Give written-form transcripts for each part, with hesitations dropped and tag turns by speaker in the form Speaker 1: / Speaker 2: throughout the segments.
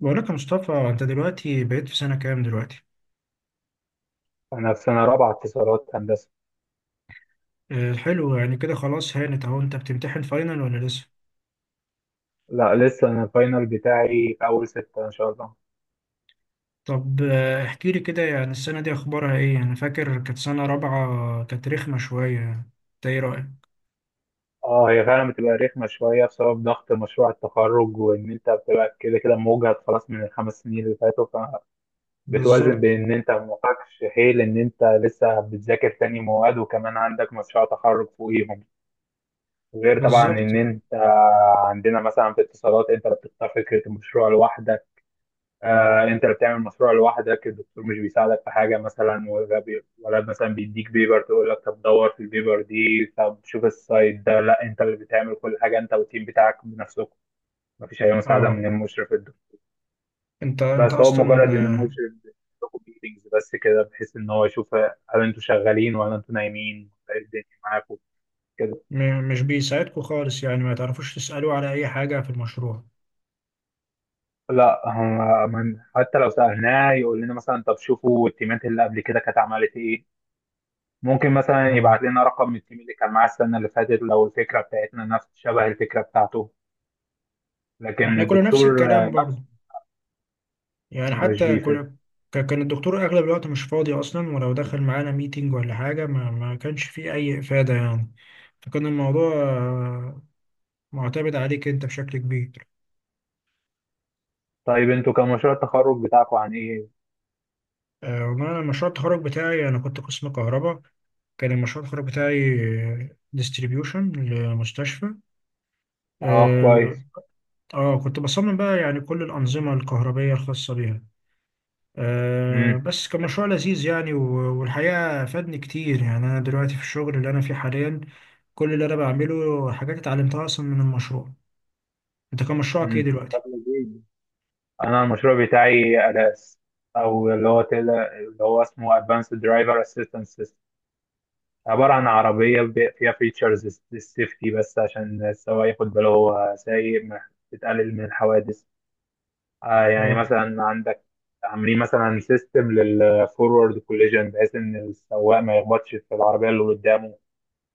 Speaker 1: بقولك يا مصطفى انت دلوقتي بقيت في سنة كام دلوقتي؟
Speaker 2: أنا في سنة رابعة اتصالات هندسة.
Speaker 1: حلو يعني كده خلاص هانت اهو انت بتمتحن فاينل ولا لسه؟
Speaker 2: لا لسه أنا الفاينل بتاعي في أول 6 إن شاء الله.
Speaker 1: طب، احكيلي كده يعني السنة دي اخبارها ايه؟ يعني انا فاكر كانت سنة رابعة كانت رخمة شوية يعني. انت ايه رأيك؟
Speaker 2: أه هي فعلا بتبقى رخمة شوية بسبب ضغط مشروع التخرج وإن أنت بتبقى كده كده موجهد خلاص من ال5 سنين اللي فاتوا. فبتوازن
Speaker 1: بالظبط.
Speaker 2: بين إن أنت معكش حيل إن أنت لسه بتذاكر تاني مواد وكمان عندك مشروع تخرج فوقيهم. غير طبعا
Speaker 1: بالظبط.
Speaker 2: إن أنت عندنا مثلا في اتصالات أنت اللي بتختار فكرة المشروع لوحدك. آه انت اللي بتعمل مشروع لوحدك الدكتور مش بيساعدك في حاجه مثلا ولا مثلا بيديك بيبر تقول لك طب دور في البيبر دي طب شوف السايت ده، لا انت اللي بتعمل كل حاجه انت والتيم بتاعك بنفسكم. مفيش اي مساعده
Speaker 1: اه.
Speaker 2: من المشرف الدكتور.
Speaker 1: انت
Speaker 2: بس هو مجرد
Speaker 1: اصلا،
Speaker 2: ان المشرف بيديكوا ميتنجز بس كده بحيث ان هو يشوف هل انتوا شغالين ولا انتوا نايمين ولا ايه الدنيا معاكم كده.
Speaker 1: مش بيساعدكوا خالص يعني ما تعرفوش تسألوا على اي حاجة في المشروع.
Speaker 2: لا هم من حتى لو سالناه يقول لنا مثلا طب شوفوا التيمات اللي قبل كده كانت عملت ايه، ممكن مثلا
Speaker 1: اه.
Speaker 2: يبعت لنا رقم من التيم اللي كان معاه السنة اللي فاتت لو الفكرة بتاعتنا نفس شبه الفكرة بتاعته. لكن
Speaker 1: احنا كنا نفس
Speaker 2: الدكتور
Speaker 1: الكلام برضه.
Speaker 2: نفسه
Speaker 1: يعني
Speaker 2: مش
Speaker 1: حتى
Speaker 2: بيفيد.
Speaker 1: كان الدكتور أغلب الوقت مش فاضي أصلا، ولو دخل معانا ميتينج ولا حاجة ما كانش فيه أي إفادة يعني. فكان الموضوع معتمد عليك أنت بشكل كبير.
Speaker 2: طيب انتوا كان مشروع التخرج بتاعكم عن ايه؟
Speaker 1: والله أنا مشروع التخرج بتاعي أنا كنت قسم كهرباء. كان مشروع التخرج بتاعي ديستريبيوشن لمستشفى.
Speaker 2: اه
Speaker 1: اه.
Speaker 2: كويس.
Speaker 1: كنت بصمم بقى يعني كل الأنظمة الكهربية الخاصة بيها.
Speaker 2: امم
Speaker 1: بس كان مشروع لذيذ يعني، والحقيقة فادني كتير يعني، أنا دلوقتي في الشغل اللي أنا فيه حاليا كل اللي أنا بعمله حاجات اتعلمتها أصلا من المشروع. أنت كان مشروعك إيه
Speaker 2: امم
Speaker 1: دلوقتي؟
Speaker 2: طب لذيذ. انا المشروع بتاعي ألاس، او اللي هو كده اللي هو اسمه Advanced Driver Assistance System. عبارة عن عربية فيها فيتشرز للسيفتي بس عشان السواق ياخد باله هو سايق، تقلل من الحوادث. آه يعني
Speaker 1: اه.
Speaker 2: مثلا عندك عاملين مثلا سيستم للفورورد كوليجن بحيث ان السواق ما يخبطش في العربيه اللي قدامه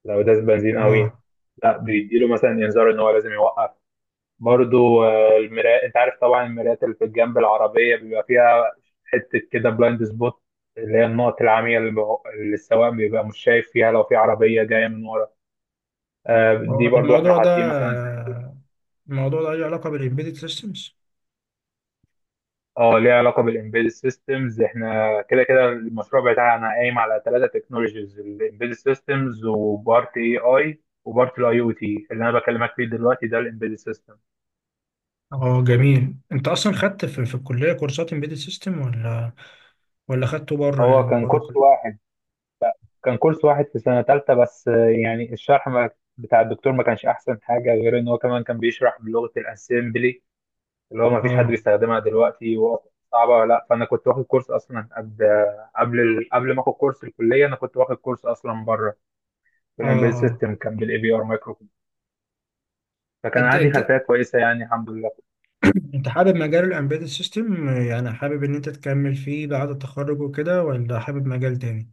Speaker 2: لو داس بنزين قوي،
Speaker 1: اه.
Speaker 2: لا بيديله مثلا انذار ان هو لازم يوقف. برضو المرايات انت عارف طبعا المرايات اللي في جنب العربيه بيبقى فيها حته كده بلايند سبوت، اللي هي النقط العمياء اللي السواق بيبقى مش شايف فيها لو في عربيه جايه من ورا.
Speaker 1: هو
Speaker 2: دي برضو احنا
Speaker 1: الموضوع ده
Speaker 2: حاطين مثلا.
Speaker 1: آه، الموضوع ده له علاقة بالإمبيدد سيستمز.
Speaker 2: اه ليها علاقه بالامبيد سيستمز، احنا كده كده المشروع بتاعنا قايم على 3 تكنولوجيز، الامبيد سيستمز وبارت اي اي وبارت الاي او تي، اللي انا بكلمك فيه دلوقتي ده الامبيد سيستم.
Speaker 1: اه، جميل. أنت أصلا خدت في الكلية كورسات إمبيدد سيستم، ولا خدته بره
Speaker 2: هو
Speaker 1: يعني
Speaker 2: كان
Speaker 1: بره
Speaker 2: كورس
Speaker 1: الكلية؟
Speaker 2: واحد، كان كورس واحد في سنه ثالثه بس، يعني الشرح ما بتاع الدكتور ما كانش احسن حاجه، غير ان هو كمان كان بيشرح بلغه الاسمبلي اللي هو ما فيش حد
Speaker 1: اه.
Speaker 2: بيستخدمها دلوقتي وصعبه ولا لا. فانا كنت واخد كورس اصلا قبل قبل ما اخد كورس الكليه، انا كنت واخد كورس اصلا بره
Speaker 1: اه.
Speaker 2: بالامبيد
Speaker 1: اه.
Speaker 2: سيستم، كان بالاي بي ار مايكرو. فكان
Speaker 1: أنت
Speaker 2: عندي
Speaker 1: أنت
Speaker 2: خلفيه كويسه يعني الحمد لله.
Speaker 1: انت حابب مجال الامبيدد سيستم، يعني حابب ان انت تكمل فيه بعد التخرج وكده، ولا حابب مجال تاني؟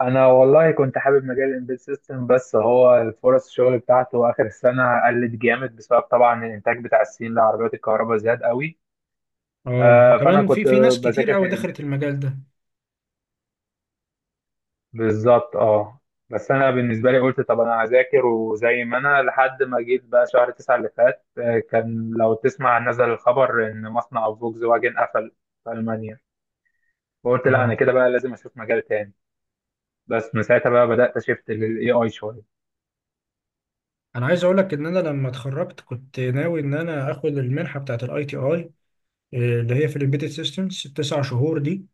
Speaker 2: انا والله كنت حابب مجال الامبيد سيستم، بس هو الفرص الشغل بتاعته اخر السنه قلت جامد بسبب طبعا الانتاج بتاع الصين لعربيات الكهرباء زاد قوي.
Speaker 1: اه،
Speaker 2: آه فانا
Speaker 1: وكمان في
Speaker 2: كنت
Speaker 1: في ناس كتير
Speaker 2: بذاكر في
Speaker 1: قوي
Speaker 2: الامبيد.
Speaker 1: دخلت المجال ده.
Speaker 2: بالظبط اه. بس انا بالنسبه لي قلت طب انا هذاكر، وزي ما انا لحد ما جيت بقى شهر 9 اللي فات، كان لو تسمع نزل الخبر ان مصنع فولكس واجن قفل في المانيا. فقلت لا انا
Speaker 1: اه.
Speaker 2: كده بقى لازم اشوف مجال تاني. بس من ساعتها بقى بدأت اشفت للاي اي شوية.
Speaker 1: انا عايز اقول لك ان انا لما اتخرجت كنت ناوي ان انا اخد المنحه بتاعت الاي تي اي اللي هي في الامبيدد سيستمز التسع شهور دي.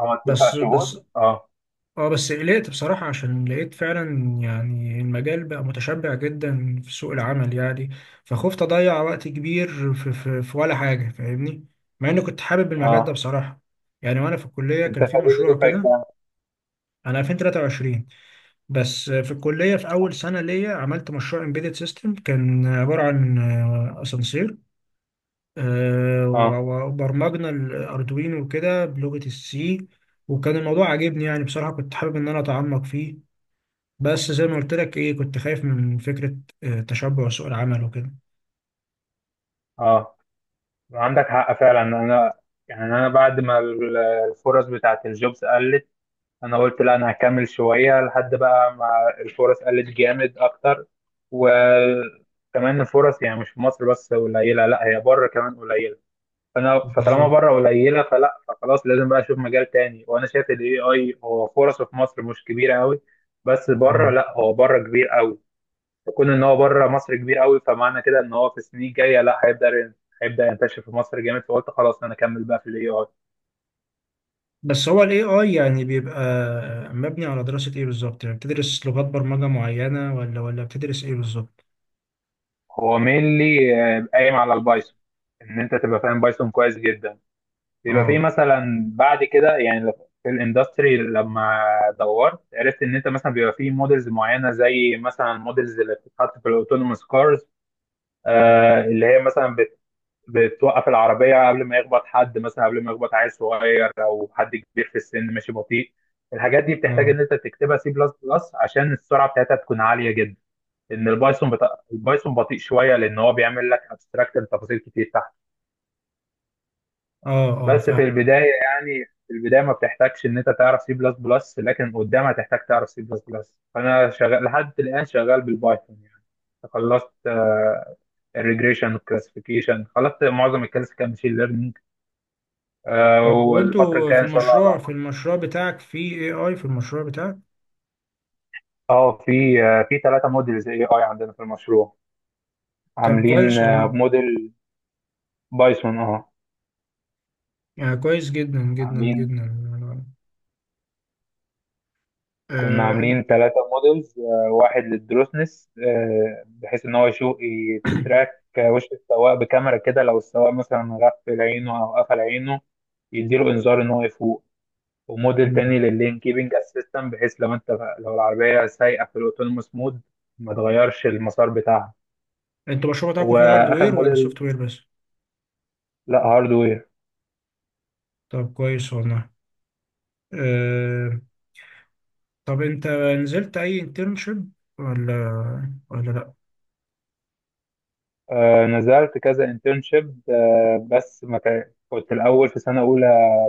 Speaker 2: عملت تسع
Speaker 1: بس
Speaker 2: شهور
Speaker 1: بس
Speaker 2: اه.
Speaker 1: اه بس قلقت بصراحة عشان لقيت فعلا يعني المجال بقى متشبع جدا في سوق العمل يعني. فخفت أضيع وقت كبير في ولا حاجة، فاهمني؟ مع إني كنت حابب المجال ده
Speaker 2: اه
Speaker 1: بصراحة، يعني وأنا في الكلية
Speaker 2: انت
Speaker 1: كان في
Speaker 2: خريج
Speaker 1: مشروع
Speaker 2: دفعة
Speaker 1: كده.
Speaker 2: كام؟
Speaker 1: أنا 2023. بس في الكلية في أول سنة ليا عملت مشروع امبيدد سيستم كان عبارة عن أسانسير،
Speaker 2: اه
Speaker 1: وبرمجنا الأردوينو وكده بلغة السي. وكان الموضوع عاجبني يعني بصراحة كنت حابب إن أنا أتعمق فيه. بس زي ما قلت لك ايه كنت خايف من فكرة تشبع سوق العمل وكده.
Speaker 2: اه عندك حق فعلا. انا يعني انا بعد ما الفرص بتاعت الجوبز قلت، انا قلت لا انا هكمل شوية لحد بقى ما الفرص قلت جامد اكتر. وكمان الفرص يعني مش في مصر بس قليلة، لا هي بره كمان قليلة. فانا فطالما
Speaker 1: بالظبط.
Speaker 2: بره قليله فلا فخلاص لازم بقى اشوف مجال تاني، وانا شايف الاي اي هو فرصه في مصر مش كبيره قوي، بس بره
Speaker 1: اه.
Speaker 2: لا هو بره كبير قوي. فكون ان هو بره مصر كبير قوي فمعنى كده ان هو في السنين الجايه لا هيبدا هيبدا ينتشر في مصر جامد، فقلت خلاص انا اكمل بقى في الاي اي.
Speaker 1: بس هو الاي اي يعني بيبقى مبني على دراسة ايه بالظبط؟ يعني بتدرس لغات برمجة معينة، ولا بتدرس ايه بالظبط؟
Speaker 2: هو مينلي قايم على البايثون، ان انت تبقى فاهم بايثون كويس جدا، يبقى في
Speaker 1: اه.
Speaker 2: مثلا بعد كده يعني لو في الاندستري لما دورت عرفت ان انت مثلا بيبقى في موديلز معينه زي مثلا الموديلز اللي بتتحط في الاوتونوموس كارز. آه اللي هي مثلا بت بتوقف العربيه قبل ما يخبط حد مثلا، قبل ما يخبط عيل صغير او حد كبير في السن ماشي بطيء. الحاجات دي بتحتاج
Speaker 1: اه.
Speaker 2: ان انت تكتبها سي بلس بلس عشان السرعه بتاعتها تكون عاليه جدا. البايثون بطيء شويه لان هو بيعمل لك ابستراكت لتفاصيل كتير تحت.
Speaker 1: اه. اه،
Speaker 2: بس في
Speaker 1: فاهم.
Speaker 2: البدايه، يعني في البدايه ما بتحتاجش ان انت تعرف سي بلس بلس، لكن قدام هتحتاج تعرف سي بلس بلس. فانا شغال لحد الان شغال بالبايثون يعني. خلصت الريجريشن والكلاسيفيكيشن، خلصت معظم الكلاسيك ماشين ليرنينج.
Speaker 1: طب
Speaker 2: والفتره
Speaker 1: وانتوا
Speaker 2: الجايه
Speaker 1: في
Speaker 2: ان شاء الله
Speaker 1: المشروع
Speaker 2: بقى
Speaker 1: في
Speaker 2: أخد-
Speaker 1: المشروع بتاعك في اي اي، في المشروع بتاعك.
Speaker 2: اه في في 3 موديلز اي اي عندنا في المشروع،
Speaker 1: طب
Speaker 2: عاملين
Speaker 1: كويس والله،
Speaker 2: موديل بايثون اه model Python،
Speaker 1: يعني كويس جدا جدا
Speaker 2: عاملين،
Speaker 1: جدا.
Speaker 2: كنا
Speaker 1: آه،
Speaker 2: عاملين
Speaker 1: انت-
Speaker 2: 3 مودلز. واحد للدروسنس بحيث ان هو يشوف يتراك وش السواق بكاميرا كده، لو السواق مثلا غفل عينه او قفل عينه يديله انذار ان هو يفوق. وموديل
Speaker 1: مم.
Speaker 2: تاني لللين كيبنج اسيستنت بحيث لو انت، لو العربية سايقة في الاوتونوموس مود ما تغيرش المسار بتاعها.
Speaker 1: انتوا المشروع بتاعكم فيه
Speaker 2: واخر
Speaker 1: هاردوير ولا
Speaker 2: موديل،
Speaker 1: سوفت وير بس؟
Speaker 2: لا هاردوير.
Speaker 1: طب كويس والله. آه، طب انت نزلت اي انترنشيب، ولا ولا لا؟
Speaker 2: نزلت كذا انترنشيب، بس ما كان- كنت الاول في سنة اولى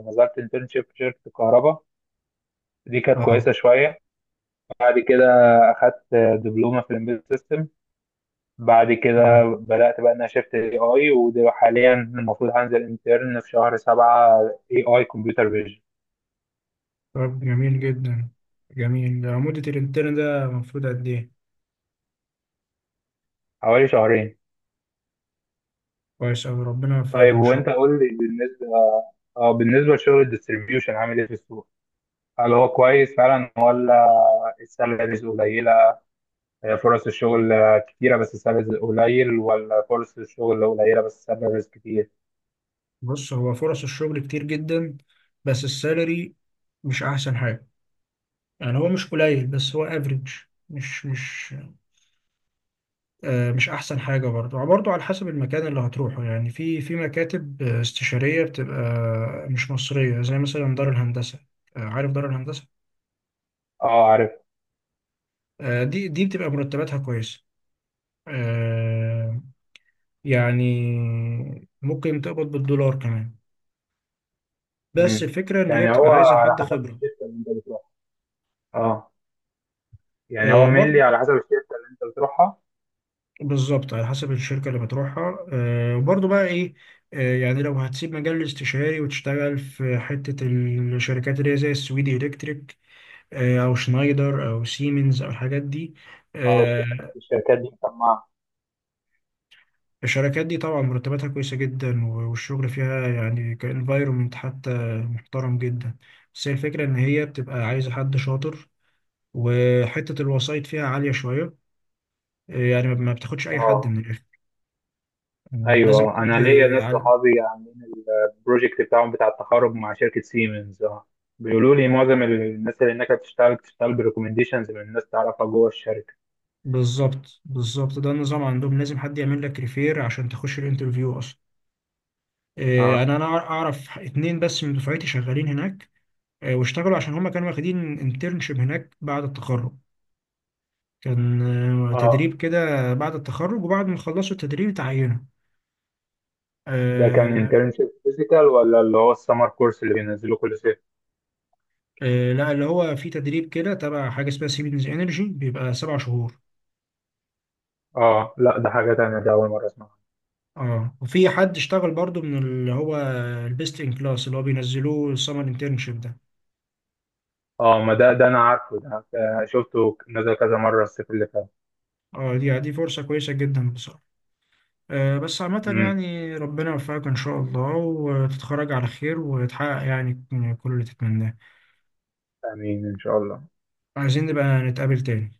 Speaker 2: نزلت انترنشيب في شركة الكهرباء، دي كانت
Speaker 1: اه.
Speaker 2: كويسة شوية. بعد كده اخدت دبلومه في الامبيد سيستم. بعد كده
Speaker 1: اه.
Speaker 2: بدات بقى ان انا شفت اي اي، وحاليا المفروض هنزل انترن في شهر 7 اي اي كمبيوتر فيجن.
Speaker 1: طب جميل جدا. جميل، مدة الانترن ده المفروض قد ايه؟
Speaker 2: حوالي شهرين.
Speaker 1: كويس اوي، ربنا يوفقك
Speaker 2: طيب
Speaker 1: ان شاء
Speaker 2: وانت
Speaker 1: الله.
Speaker 2: قول لي بالنسبه، اه بالنسبه لشغل الديستريبيوشن عامل ايه في السوق، هل هو كويس فعلا ولا السالاريز قليله؟ فرص الشغل كتيره بس السالاريز قليل، ولا فرص الشغل قليله بس السالاريز كتير؟
Speaker 1: بص، هو فرص الشغل كتير جدا بس السالري مش احسن حاجة. يعني هو مش قليل بس هو افريج. مش مش مش احسن حاجة برضه. برضه على حسب المكان اللي هتروحه، يعني في مكاتب استشارية بتبقى مش مصرية زي مثلا دار الهندسة. عارف دار الهندسة؟
Speaker 2: اه عارف.
Speaker 1: دي بتبقى مرتباتها كويسة. آه، يعني ممكن تقبض بالدولار كمان. بس
Speaker 2: مم.
Speaker 1: الفكرة إن هي
Speaker 2: يعني
Speaker 1: بتبقى
Speaker 2: هو
Speaker 1: عايزة
Speaker 2: على
Speaker 1: حد
Speaker 2: حسب
Speaker 1: خبرة.
Speaker 2: الشركه اللي انت بتروحها. اه. يعني هو
Speaker 1: برضه
Speaker 2: مينلي على حسب الشركة اللي انت بتروحها.
Speaker 1: بالظبط على حسب الشركة اللي بتروحها. وبرضه بقى إيه، يعني لو هتسيب مجال الاستشاري وتشتغل في حتة الشركات اللي هي زي السويدي إلكتريك، أو شنايدر أو سيمنز أو الحاجات دي.
Speaker 2: اه
Speaker 1: آه،
Speaker 2: الشركات دي مسمعة.
Speaker 1: الشركات دي طبعا مرتباتها كويسة جدا، والشغل فيها يعني كانفايرومنت حتى محترم جدا. بس هي الفكرة إن هي بتبقى عايزة حد شاطر، وحتة الوسائط فيها عالية شوية، يعني ما ما بتاخدش أي حد من
Speaker 2: اه
Speaker 1: الآخر. لازم
Speaker 2: ايوه،
Speaker 1: حد
Speaker 2: انا ليا ناس
Speaker 1: عال...
Speaker 2: صحابي عاملين البروجكت بتاعهم بتاع التخرج مع شركة سيمنز اه. بيقولوا لي معظم الناس اللي هناك بتشتغل بتشتغل بريكومنديشنز من الناس تعرفها جوه الشركة.
Speaker 1: بالظبط. بالظبط، ده النظام عندهم لازم حد يعمل لك ريفير عشان تخش الانترفيو أصلا.
Speaker 2: اه.
Speaker 1: يعني أنا أعرف 2 بس من دفعتي شغالين هناك. واشتغلوا عشان هما كانوا واخدين انترنشيب هناك بعد التخرج. كان
Speaker 2: اه
Speaker 1: تدريب كده بعد التخرج، وبعد ما خلصوا التدريب اتعينوا.
Speaker 2: ده كان
Speaker 1: آه.
Speaker 2: انترنشيب فيزيكال، ولا اللي هو السمر كورس اللي بينزلوه كل صيف؟
Speaker 1: لا، اللي هو في تدريب كده تبع حاجة اسمها سيمنز انرجي بيبقى 7 شهور.
Speaker 2: اه لا ده حاجة تانية، ده أول مرة أسمعها.
Speaker 1: اه، وفي حد اشتغل برضو من اللي هو البيست ان كلاس اللي هو بينزلوه السمر انترنشيب ده.
Speaker 2: اه ما ده ده أنا عارفه ده، شفته نزل كذا مرة الصيف اللي فات.
Speaker 1: اه، دي فرصة كويسة جدا بصراحة. بس عامة
Speaker 2: امم
Speaker 1: يعني ربنا يوفقك إن شاء الله وتتخرج على خير وتحقق يعني كل اللي تتمناه.
Speaker 2: آمين إن شاء الله.
Speaker 1: عايزين نبقى نتقابل تاني.